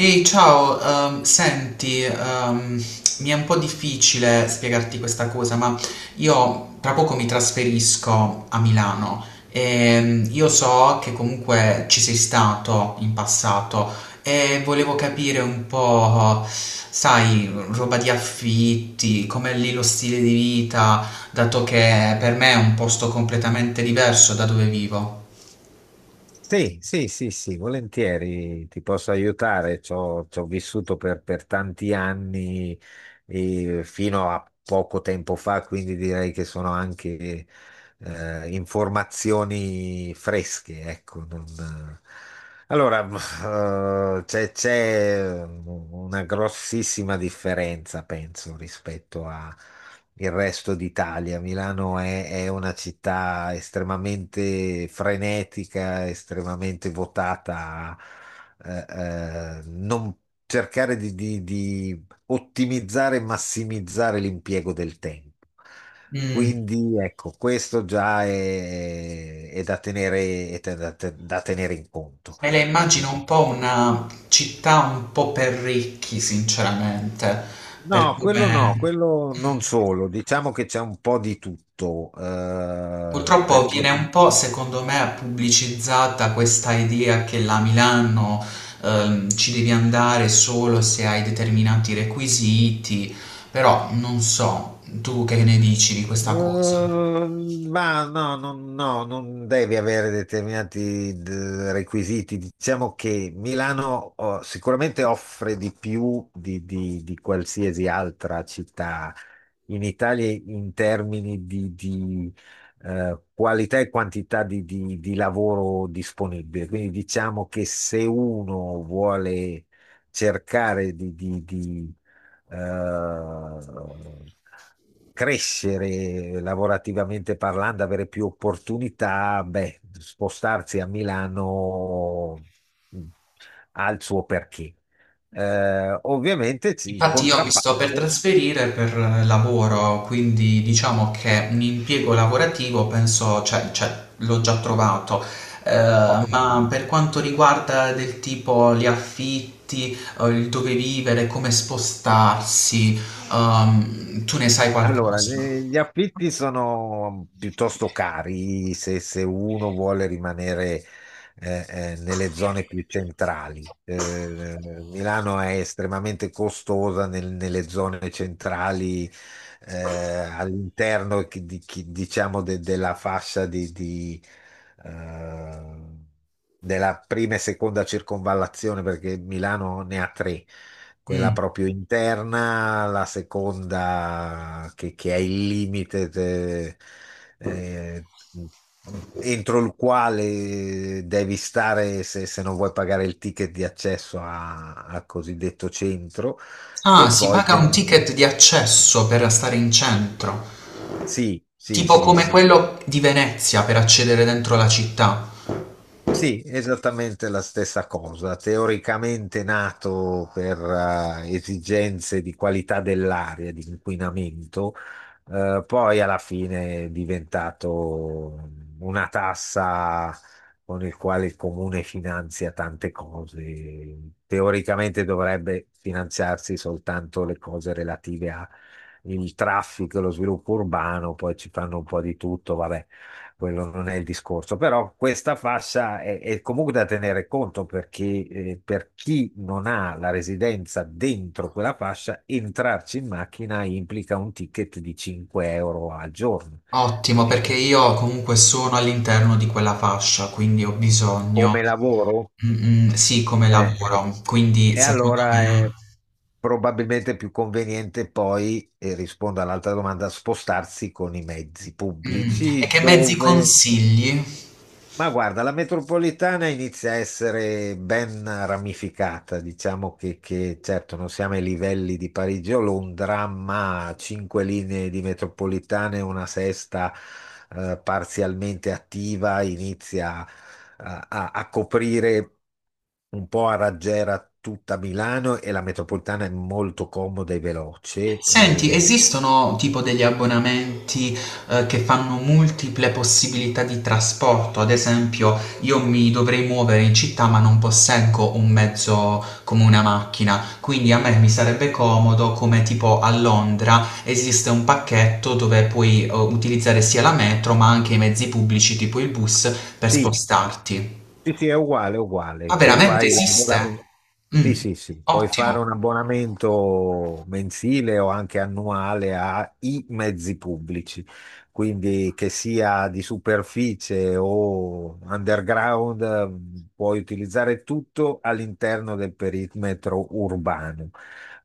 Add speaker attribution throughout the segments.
Speaker 1: Ehi, ciao, senti, mi è un po' difficile spiegarti questa cosa, ma io tra poco mi trasferisco a Milano e io so che comunque ci sei stato in passato e volevo capire un po', sai, roba di affitti, com'è lì lo stile di vita, dato che per me è un posto completamente diverso da dove vivo.
Speaker 2: Sì, sì, sì, sì, volentieri ti posso aiutare. Ci ho vissuto per tanti anni, fino a poco tempo fa, quindi direi che sono anche informazioni fresche, ecco, non, allora, c'è una grossissima differenza, penso, rispetto al resto d'Italia. Milano è una città estremamente frenetica, estremamente votata a non cercare di ottimizzare e massimizzare l'impiego del tempo.
Speaker 1: Mm.
Speaker 2: Quindi ecco, questo già è da tenere, è da tenere in conto.
Speaker 1: Me la immagino un po' una città un po' per ricchi, sinceramente, per
Speaker 2: No, quello no,
Speaker 1: come...
Speaker 2: quello non
Speaker 1: Mm.
Speaker 2: solo, diciamo che c'è un po' di tutto,
Speaker 1: Purtroppo viene
Speaker 2: perché.
Speaker 1: un po', secondo me, pubblicizzata questa idea che la Milano ci devi andare solo se hai determinati requisiti, però non so, tu che ne dici di questa cosa?
Speaker 2: Mm, ma no, no, no, non devi avere determinati requisiti. Diciamo che Milano oh, sicuramente offre di più di qualsiasi altra città in Italia in termini qualità e quantità di lavoro disponibile. Quindi diciamo che se uno vuole cercare eh, crescere lavorativamente parlando, avere più opportunità, beh, spostarsi a Milano mh, ha il suo perché. Ovviamente il
Speaker 1: Infatti io mi
Speaker 2: contrappasso,
Speaker 1: sto per trasferire per lavoro, quindi diciamo che un impiego lavorativo penso, cioè, l'ho già trovato.
Speaker 2: ottimo.
Speaker 1: Ma per quanto riguarda del tipo gli affitti, il dove vivere, come spostarsi, tu ne sai
Speaker 2: Allora,
Speaker 1: qualcosa?
Speaker 2: gli affitti sono piuttosto cari se uno vuole rimanere nelle zone più centrali. Milano è estremamente costosa nelle zone centrali, all'interno diciamo della fascia eh, della prima e seconda circonvallazione, perché Milano ne ha tre: quella
Speaker 1: Mm.
Speaker 2: proprio interna, la seconda che è il limite eh, entro il quale devi stare se non vuoi pagare il ticket di accesso al cosiddetto centro.
Speaker 1: Ah,
Speaker 2: E
Speaker 1: si
Speaker 2: poi,
Speaker 1: paga un ticket di accesso per stare in centro,
Speaker 2: sì, sì,
Speaker 1: tipo
Speaker 2: sì,
Speaker 1: come
Speaker 2: sì.
Speaker 1: quello di Venezia per accedere dentro la città.
Speaker 2: Sì, esattamente la stessa cosa. Teoricamente nato per esigenze di qualità dell'aria, di inquinamento, poi alla fine è diventato una tassa con il quale il comune finanzia tante cose. Teoricamente dovrebbe finanziarsi soltanto le cose relative al traffico e lo sviluppo urbano, poi ci fanno un po' di tutto, vabbè, quello non è il discorso, però questa fascia è comunque da tenere conto, perché per chi non ha la residenza dentro quella fascia, entrarci in macchina implica un ticket di 5 € al giorno.
Speaker 1: Ottimo,
Speaker 2: E
Speaker 1: perché io comunque sono all'interno di quella fascia, quindi ho bisogno
Speaker 2: come lavoro?
Speaker 1: mm, mm, sì, come
Speaker 2: Eh,
Speaker 1: lavoro, quindi
Speaker 2: e
Speaker 1: secondo
Speaker 2: allora
Speaker 1: me...
Speaker 2: è probabilmente più conveniente poi, e rispondo all'altra domanda, spostarsi con i mezzi
Speaker 1: Mm, e
Speaker 2: pubblici
Speaker 1: che mezzi
Speaker 2: dove.
Speaker 1: consigli?
Speaker 2: Ma guarda, la metropolitana inizia a essere ben ramificata, diciamo certo non siamo ai livelli di Parigi o Londra, ma cinque linee di metropolitane, una sesta parzialmente attiva, inizia a, a coprire un po' a raggiera tutta Milano, e la metropolitana è molto comoda e veloce.
Speaker 1: Senti, esistono tipo degli abbonamenti, che fanno multiple possibilità di trasporto? Ad esempio, io mi dovrei muovere in città, ma non posseggo un mezzo come una macchina, quindi a me mi sarebbe comodo, come tipo a Londra, esiste un pacchetto dove puoi, utilizzare sia la metro, ma anche i mezzi pubblici, tipo il bus, per
Speaker 2: Sì.
Speaker 1: spostarti.
Speaker 2: Sì, sì, è uguale, è
Speaker 1: Ma
Speaker 2: uguale. Tu
Speaker 1: veramente
Speaker 2: fai
Speaker 1: esiste?
Speaker 2: l'abbonamento. Sì,
Speaker 1: Mm,
Speaker 2: sì, sì. Puoi
Speaker 1: ottimo.
Speaker 2: fare un abbonamento mensile o anche annuale ai mezzi pubblici, quindi che sia di superficie o underground, puoi utilizzare tutto all'interno del perimetro urbano.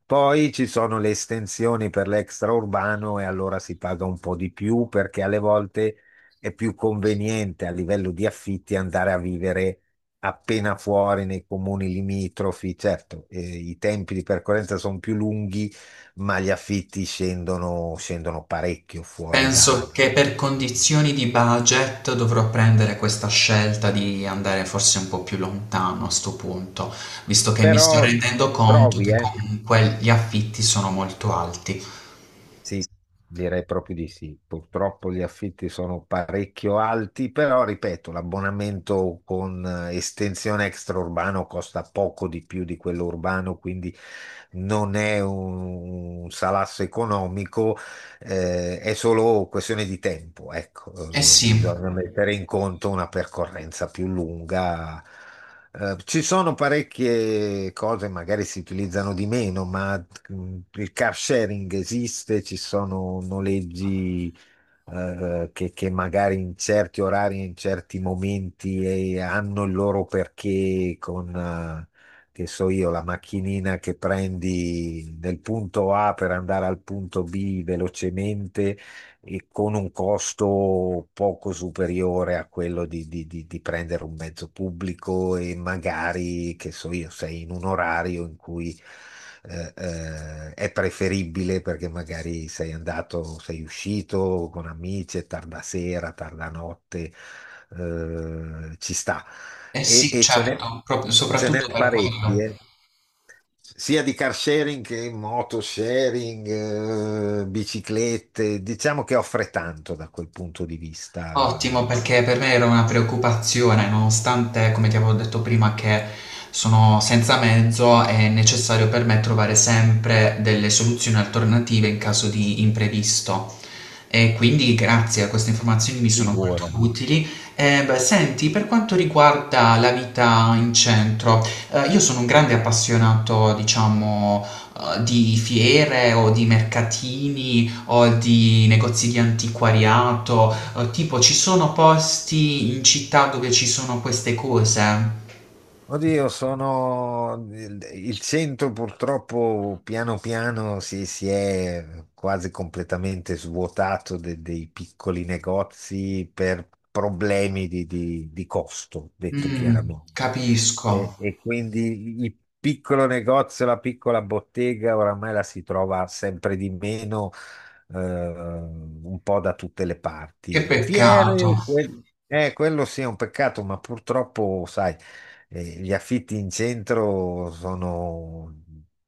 Speaker 2: Poi ci sono le estensioni per l'extraurbano e allora si paga un po' di più, perché alle volte è più conveniente a livello di affitti andare a vivere appena fuori nei comuni limitrofi. Certo, i tempi di percorrenza sono più lunghi, ma gli affitti scendono, scendono parecchio fuori da…
Speaker 1: Penso che per condizioni di budget dovrò prendere questa scelta di andare forse un po' più lontano a sto punto, visto che mi sto
Speaker 2: Però
Speaker 1: rendendo conto
Speaker 2: trovi,
Speaker 1: che comunque gli affitti sono molto alti.
Speaker 2: sì, direi proprio di sì. Purtroppo gli affitti sono parecchio alti, però ripeto, l'abbonamento con estensione extraurbano costa poco di più di quello urbano, quindi non è un salasso economico, è solo questione di tempo, ecco.
Speaker 1: Eh sì,
Speaker 2: Bisogna mettere in conto una percorrenza più lunga. Ci sono parecchie cose, magari si utilizzano di meno, ma il car sharing esiste, ci sono noleggi che magari in certi orari, in certi momenti hanno il loro perché con, che so io, la macchinina che prendi nel punto A per andare al punto B velocemente e con un costo poco superiore a quello di prendere un mezzo pubblico, e magari, che so io, sei in un orario in cui è preferibile perché magari sei andato, sei uscito con amici, è tarda sera, tarda notte, ci sta.
Speaker 1: eh sì,
Speaker 2: Ce n'è,
Speaker 1: certo, proprio
Speaker 2: ce
Speaker 1: soprattutto
Speaker 2: n'è
Speaker 1: per
Speaker 2: parecchi,
Speaker 1: quello.
Speaker 2: eh, sia di car sharing che moto sharing, biciclette, diciamo che offre tanto da quel punto di vista.
Speaker 1: Ottimo, perché per me era una preoccupazione, nonostante, come ti avevo detto prima, che sono senza mezzo, è necessario per me trovare sempre delle soluzioni alternative in caso di imprevisto. E quindi grazie a queste informazioni mi sono molto
Speaker 2: Figura.
Speaker 1: utili. E, beh, senti, per quanto riguarda la vita in centro, io sono un grande appassionato, diciamo, di fiere o di mercatini o di negozi di antiquariato. Tipo, ci sono posti in città dove ci sono queste cose?
Speaker 2: Oddio, sono il centro purtroppo piano piano si è quasi completamente svuotato dei piccoli negozi per problemi di costo, detto
Speaker 1: Mh,
Speaker 2: chiaramente.
Speaker 1: capisco.
Speaker 2: E quindi il piccolo negozio, la piccola bottega, oramai la si trova sempre di meno, un po' da tutte le
Speaker 1: Che
Speaker 2: parti.
Speaker 1: peccato.
Speaker 2: Fiere, quello sì è un peccato, ma purtroppo, sai, gli affitti in centro sono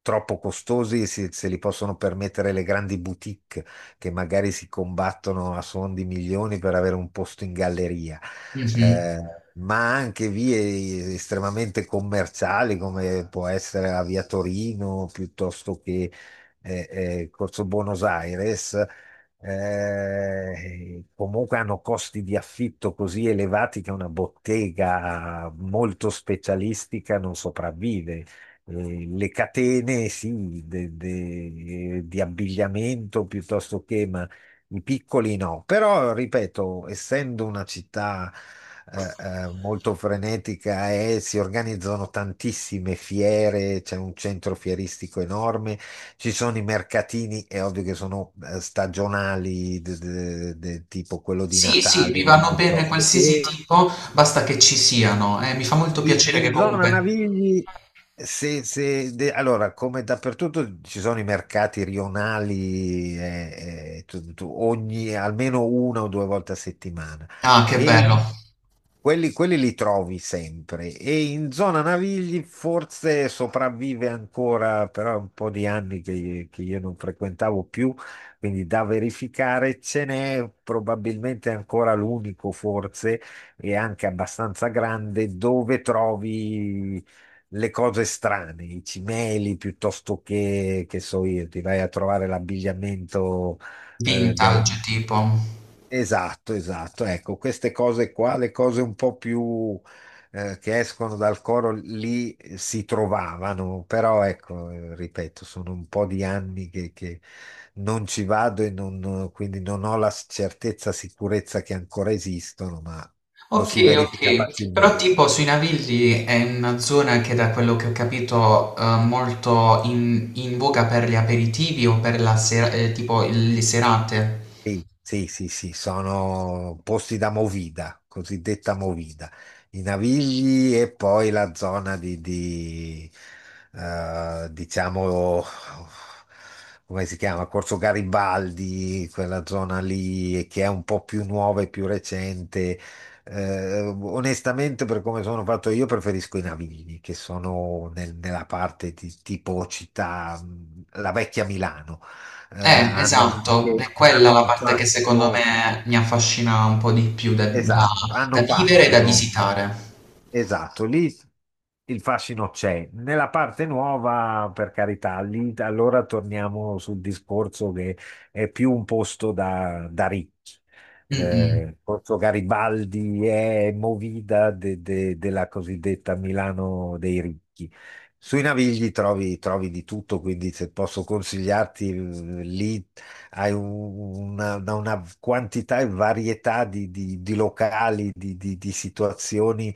Speaker 2: troppo costosi, se li possono permettere le grandi boutique che magari si combattono a suon di milioni per avere un posto in galleria.
Speaker 1: Mh-mh.
Speaker 2: Eh, ma anche vie estremamente commerciali, come può essere la via Torino piuttosto che Corso Buenos Aires, comunque hanno costi di affitto così elevati che una bottega molto specialistica non sopravvive. Le catene, sì, di abbigliamento piuttosto che, ma i piccoli no. Però, ripeto, essendo una città molto frenetica, e si organizzano tantissime fiere, c'è un centro fieristico enorme, ci sono i mercatini, è ovvio che sono stagionali, tipo quello di
Speaker 1: Sì, sì, mi
Speaker 2: Natale
Speaker 1: vanno bene
Speaker 2: piuttosto
Speaker 1: qualsiasi
Speaker 2: che
Speaker 1: tipo, basta che ci siano. Mi fa molto piacere che
Speaker 2: in zona
Speaker 1: comunque...
Speaker 2: Navigli, allora, come dappertutto ci sono i mercati rionali, ogni, almeno una o due volte a settimana,
Speaker 1: Ah, che
Speaker 2: e
Speaker 1: bello.
Speaker 2: quelli, quelli li trovi sempre. E in zona Navigli forse sopravvive ancora, però è un po' di anni che io non frequentavo più, quindi da verificare. Ce n'è probabilmente ancora l'unico forse, e anche abbastanza grande, dove trovi le cose strane, i cimeli piuttosto che so io, ti vai a trovare l'abbigliamento.
Speaker 1: Vintage, tipo.
Speaker 2: Esatto, esatto. Ecco, queste cose qua, le cose un po' più che escono dal coro lì si trovavano, però ecco, ripeto, sono un po' di anni che non ci vado e quindi non ho la certezza, sicurezza che ancora esistono, ma lo
Speaker 1: Ok,
Speaker 2: si verifica
Speaker 1: ok. Però
Speaker 2: facilmente.
Speaker 1: tipo sui Navilli è una zona che da quello che ho capito molto in, in voga per gli aperitivi o per la sera, tipo le serate.
Speaker 2: Sì, sì, sì, sì, sono posti da movida, cosiddetta movida, i Navigli e poi la zona diciamo, come si chiama? Corso Garibaldi, quella zona lì che è un po' più nuova e più recente. Onestamente, per come sono fatto io, preferisco i Navigli, che sono nella parte di tipo città, la vecchia Milano
Speaker 1: Quindi
Speaker 2: hanno
Speaker 1: esatto, è
Speaker 2: che
Speaker 1: quella
Speaker 2: hanno
Speaker 1: la
Speaker 2: un
Speaker 1: parte che secondo
Speaker 2: fascino,
Speaker 1: me mi affascina un po' di più da,
Speaker 2: esatto,
Speaker 1: da
Speaker 2: hanno
Speaker 1: vivere e da
Speaker 2: fascino,
Speaker 1: visitare.
Speaker 2: esatto, lì il fascino c'è. Nella parte nuova, per carità, lì allora torniamo sul discorso che è più un posto da ricchi.
Speaker 1: Mm, mm.
Speaker 2: Corso Garibaldi è movida della cosiddetta Milano dei ricchi. Sui Navigli trovi, trovi di tutto, quindi se posso consigliarti, lì hai una quantità e varietà di locali, di situazioni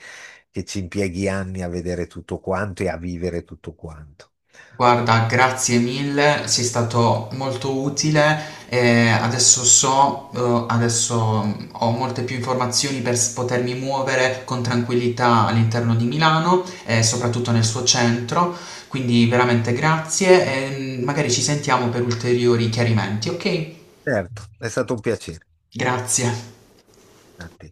Speaker 2: che ci impieghi anni a vedere tutto quanto e a vivere tutto quanto.
Speaker 1: Guarda, grazie mille, sei stato molto utile. E adesso so, adesso mm, ho molte più informazioni per potermi muovere con tranquillità all'interno di Milano e soprattutto nel suo centro. Quindi veramente grazie e mm, magari ci sentiamo per ulteriori chiarimenti, ok?
Speaker 2: Certo, è stato un piacere.
Speaker 1: Grazie.
Speaker 2: A te.